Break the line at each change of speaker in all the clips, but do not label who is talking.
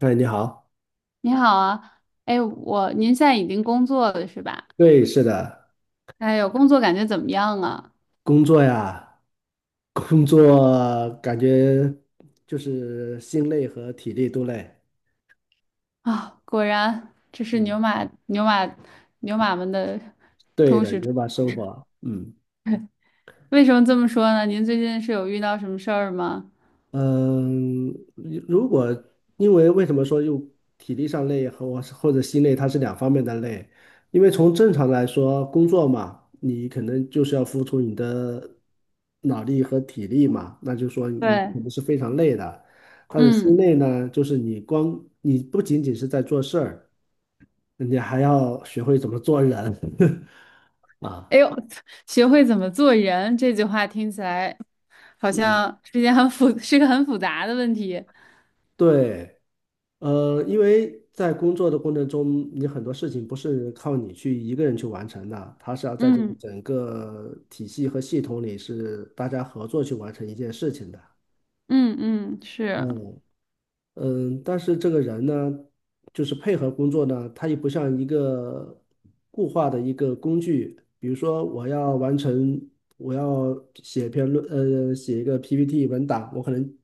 哎，你好，
你好啊。哎，我您现在已经工作了是吧？
对，是的，
哎呦，工作感觉怎么样啊？
工作呀，工作感觉就是心累和体力都累。
啊，果然这是
嗯，
牛马们的。
对的，你就把生活，嗯。
为什么这么说呢？您最近是有遇到什么事儿吗？
嗯，如果因为为什么说又体力上累和我或者心累，它是两方面的累。因为从正常来说，工作嘛，你可能就是要付出你的脑力和体力嘛，那就是说你
对。
肯定是非常累的。但是心
嗯。
累呢，就是你光你不仅仅是在做事儿，你还要学会怎么做人 啊。
哎呦，学会怎么做人这句话听起来好
嗯，
像是一件是个很复杂的问题。
对。因为在工作的过程中，你很多事情不是靠你去一个人去完成的，它是要在这个
嗯
整个体系和系统里是大家合作去完成一件事情的。
嗯嗯是，
嗯，嗯，但是这个人呢，就是配合工作呢，他也不像一个固化的一个工具。比如说，我要完成，我要写一个 PPT 文档，我可能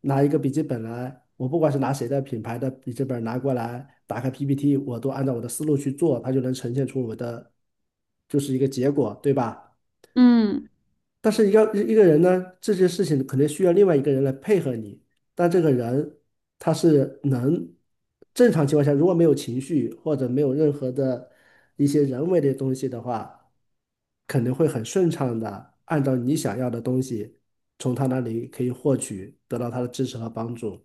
拿一个笔记本来，我不管是拿谁的品牌的笔记本拿过来，打开 PPT，我都按照我的思路去做，它就能呈现出我的，就是一个结果，对吧？
嗯
但是一个人呢，这些事情肯定需要另外一个人来配合你。但这个人他是能正常情况下，如果没有情绪或者没有任何的一些人为的东西的话，肯定会很顺畅的按照你想要的东西，从他那里可以获取，得到他的支持和帮助。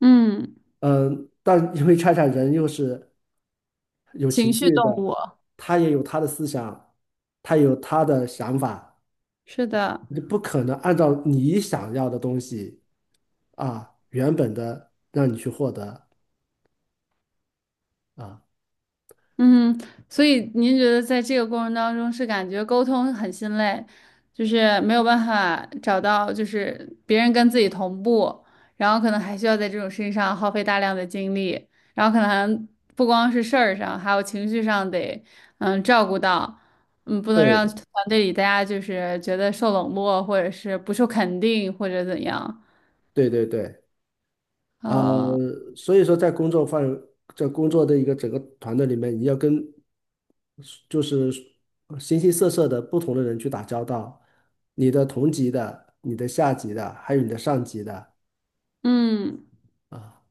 嗯，
嗯，但因为恰恰人又是有
情
情
绪
绪
动
的，
物，
他也有他的思想，他有他的想法。
是的。
你不可能按照你想要的东西啊，原本的让你去获得啊。
嗯，所以您觉得在这个过程当中是感觉沟通很心累，就是没有办法找到就是别人跟自己同步，然后可能还需要在这种事情上耗费大量的精力，然后可能不光是事儿上，还有情绪上得嗯照顾到，嗯不能让
对，
团队里大家就是觉得受冷落或者是不受肯定或者怎样，
对对对，呃，
呃
所以说在工作范围，在工作的一个整个团队里面，你要跟就是形形色色的不同的人去打交道，你的同级的、你的下级的，还有你的上级的
嗯。
啊，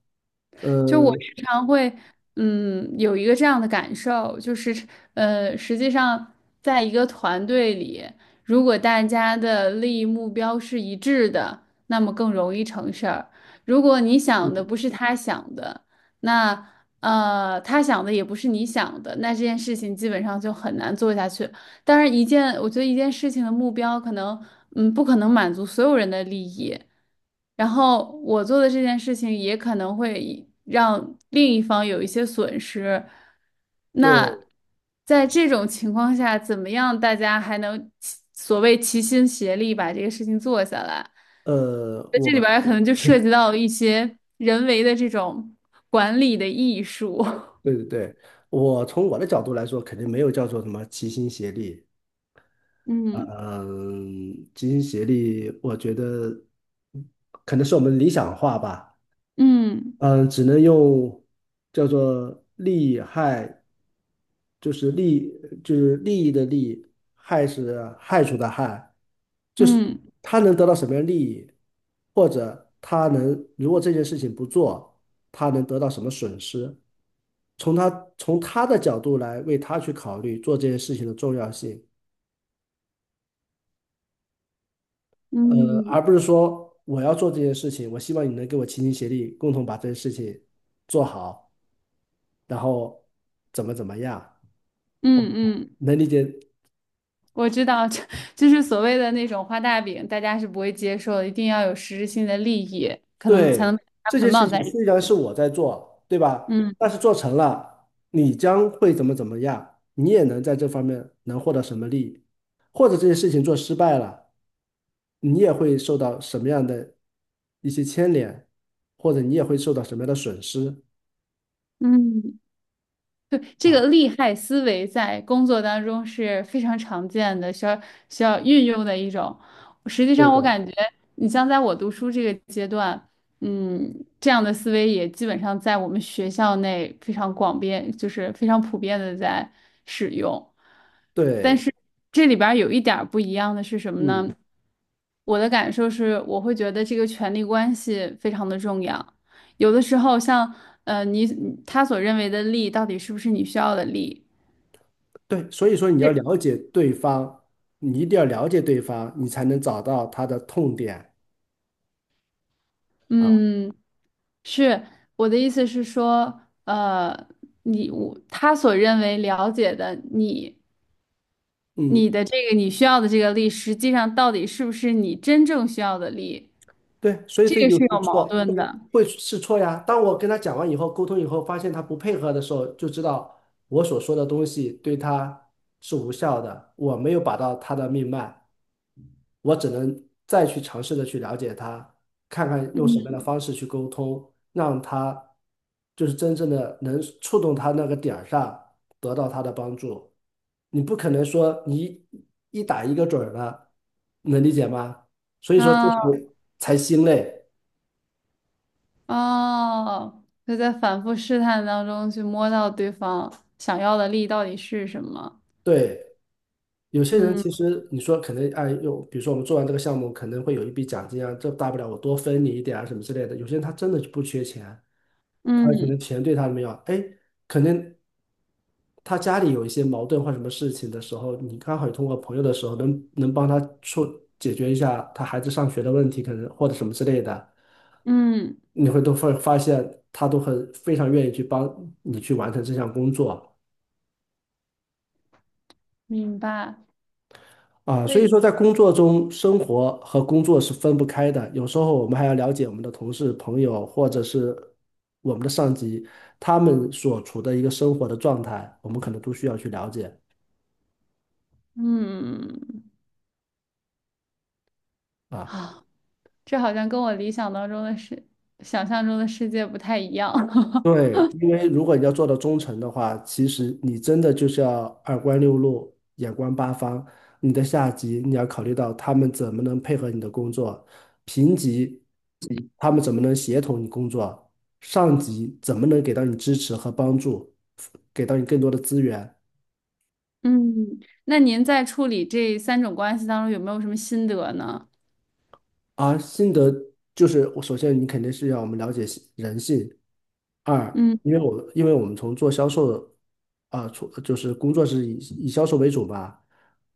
就我
呃，
时常会，嗯，有一个这样的感受，就是，实际上，在一个团队里，如果大家的利益目标是一致的，那么更容易成事儿。如果你想的不是他想的，那他想的也不是你想的，那这件事情基本上就很难做下去。当然，我觉得一件事情的目标可能，嗯，不可能满足所有人的利益。然后我做的这件事情也可能会让另一方有一些损失。那
对，
在这种情况下，怎么样大家还能所谓齐心协力把这个事情做下来？
呃，
那
我，
这里边儿可能就涉及 到一些人为的这种管理的艺术。
对对对，我从我的角度来说，肯定没有叫做什么齐心协力嗯，齐心协力，我觉得可能是我们理想化吧。
嗯
嗯，只能用叫做利害，就是利，就是利益的利，害是害处的害，就是
嗯
他能得到什么样利益，或者他能，如果这件事情不做，他能得到什么损失？从他的角度来为他去考虑做这件事情的重要性。
嗯嗯
而不是说我要做这件事情，我希望你能给我齐心协力，共同把这件事情做好，然后怎么怎么样，
嗯嗯。
能理解？
我知道，就是所谓的那种画大饼，大家是不会接受的，一定要有实质性的利益，可能才能
对，
把它
这件
捆
事
绑在
情
一起。
虽然是我在做，对吧？
嗯
但是做成了，你将会怎么怎么样，你也能在这方面能获得什么利益，或者这件事情做失败了，你也会受到什么样的一些牵连，或者你也会受到什么样的损失
嗯，对，这
啊？
个利害思维在工作当中是非常常见的，需要运用的一种。实际
对
上，
的，
我感觉你像在我读书这个阶段，嗯，这样的思维也基本上在我们学校内非常广遍，就是非常普遍的在使用。但
对，
是这里边儿有一点儿不一样的是什么
嗯。
呢？我的感受是，我会觉得这个权力关系非常的重要。有的时候像，你他所认为的利，到底是不是你需要的利？
对，所以说你要
是。
了解对方，你一定要了解对方，你才能找到他的痛点啊。
嗯，是，我的意思是说，你我他所认为了解的你，
嗯，
你的这个你需要的这个利，实际上到底是不是你真正需要的利？
对，所以
这
这
个
就
是
试
有
错，
矛盾
会
的。
会试错呀。当我跟他讲完以后，沟通以后，发现他不配合的时候，就知道我所说的东西对他是无效的，我没有把到他的命脉，我只能再去尝试的去了解他，看看用什么样
嗯。
的方式去沟通，让他就是真正的能触动他那个点儿上，得到他的帮助。你不可能说你一打一个准儿了，能理解吗？所以说这才
啊。
才心累。
哦，就在反复试探当中去摸到对方想要的力到底是什么。
对，有些人
嗯
其实你说可能哎，又比如说我们做完这个项目，可能会有一笔奖金啊，这大不了我多分你一点啊什么之类的。有些人他真的就不缺钱，他可
嗯
能钱对他没有，哎，可能他家里有一些矛盾或什么事情的时候，你刚好也通过朋友的时候能帮他处解决一下他孩子上学的问题，可能或者什么之类的，
嗯
你会都会发现他都很非常愿意去帮你去完成这项工作
明白。
啊。
所
所以
以，
说，在工作中，生活和工作是分不开的。有时候我们还要了解我们的同事、朋友，或者是我们的上级，他们所处的一个生活的状态，我们可能都需要去了解
嗯，
啊。
啊，这好像跟我理想当中的世，想象中的世界不太一样。
对，因为如果你要做到忠诚的话，其实你真的就是要二观六路，眼观八方。你的下级你要考虑到他们怎么能配合你的工作，平级他们怎么能协同你工作，上级怎么能给到你支持和帮助，给到你更多的资源。
嗯，那您在处理这三种关系当中有没有什么心得呢？
啊，心得就是我，首先你肯定是要我们了解心人性。二，
嗯
因为我们从做销售啊，从就是工作是以销售为主吧，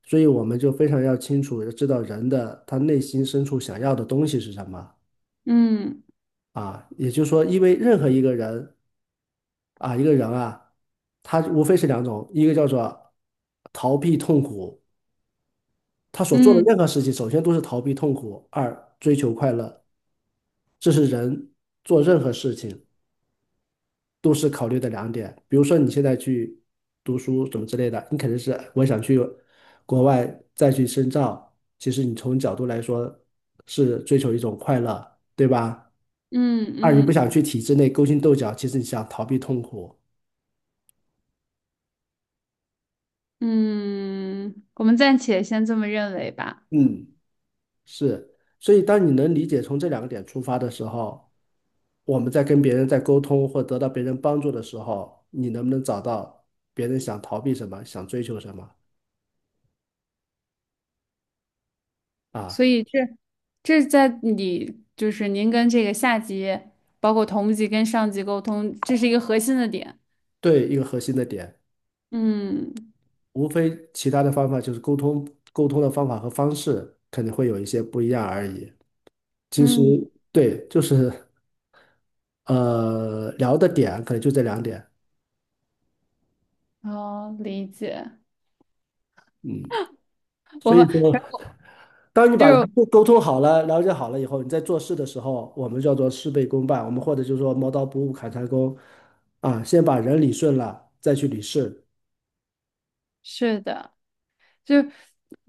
所以我们就非常要清楚地知道人的他内心深处想要的东西是什么
嗯
啊。也就是说，因为任何一个人啊，一个人啊，他无非是两种，一个叫做逃避痛苦，他所做的
嗯
任何事情，首先都是逃避痛苦，二追求快乐，这是人做任何事情都是考虑的两点。比如说你现在去读书什么之类的，你肯定是我想去国外再去深造，其实你从角度来说是追求一种快乐，对吧？
嗯
二，你不想
嗯
去体制内勾心斗角，其实你想逃避痛苦。
嗯,嗯我们暂且先这么认为吧。
嗯，是。所以当你能理解从这两个点出发的时候，我们在跟别人在沟通或得到别人帮助的时候，你能不能找到别人想逃避什么，想追求什么
所
啊？
以这在你就是您跟这个下级，包括同级跟上级沟通，这是一个核心的点。
对，一个核心的点，
嗯
无非其他的方法就是沟通，沟通的方法和方式可能会有一些不一样而已。其实
嗯，
对，就是聊的点可能就这两点，
好理解。
嗯。
我
所以
们
说，当你
就
把
是
人沟通好了、了解好了以后，你在做事的时候，我们叫做事倍功半，我们或者就是说磨刀不误砍柴工啊，先把人理顺了，再去理事。
是的，就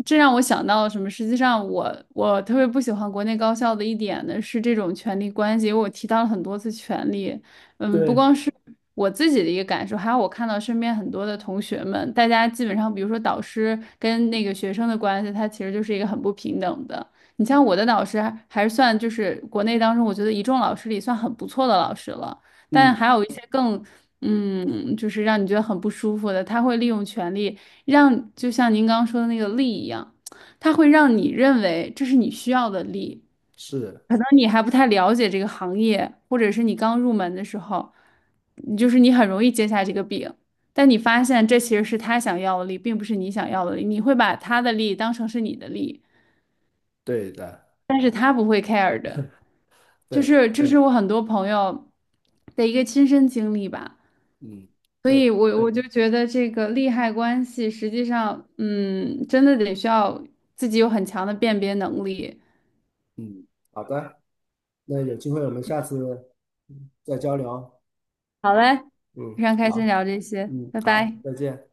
这让我想到什么？实际上我，我特别不喜欢国内高校的一点呢，是这种权力关系。因为我提到了很多次权力，嗯，不
对，
光是我自己的一个感受，还有我看到身边很多的同学们，大家基本上，比如说导师跟那个学生的关系，他其实就是一个很不平等的。你像我的导师还是算就是国内当中，我觉得一众老师里算很不错的老师了，但
嗯，
还有一些更，嗯，就是让你觉得很不舒服的，他会利用权力。让就像您刚刚说的那个力一样，它会让你认为这是你需要的力。
是
可能你还不太了解这个行业，或者是你刚入门的时候，你就是你很容易接下这个饼，但你发现这其实是他想要的力，并不是你想要的力。你会把他的力当成是你的力，
对的，
但是他不会 care 的。就
对，
是这是我很多朋友的一个亲身经历吧。
嗯，
所
对，
以我，我就觉得这个利害关系，实际上，嗯，真的得需要自己有很强的辨别能力。
嗯，好的，那有机会我们下次再交流。
好嘞，
嗯，
非常开心
好，
聊这些，
嗯，
拜
好，
拜。
再见。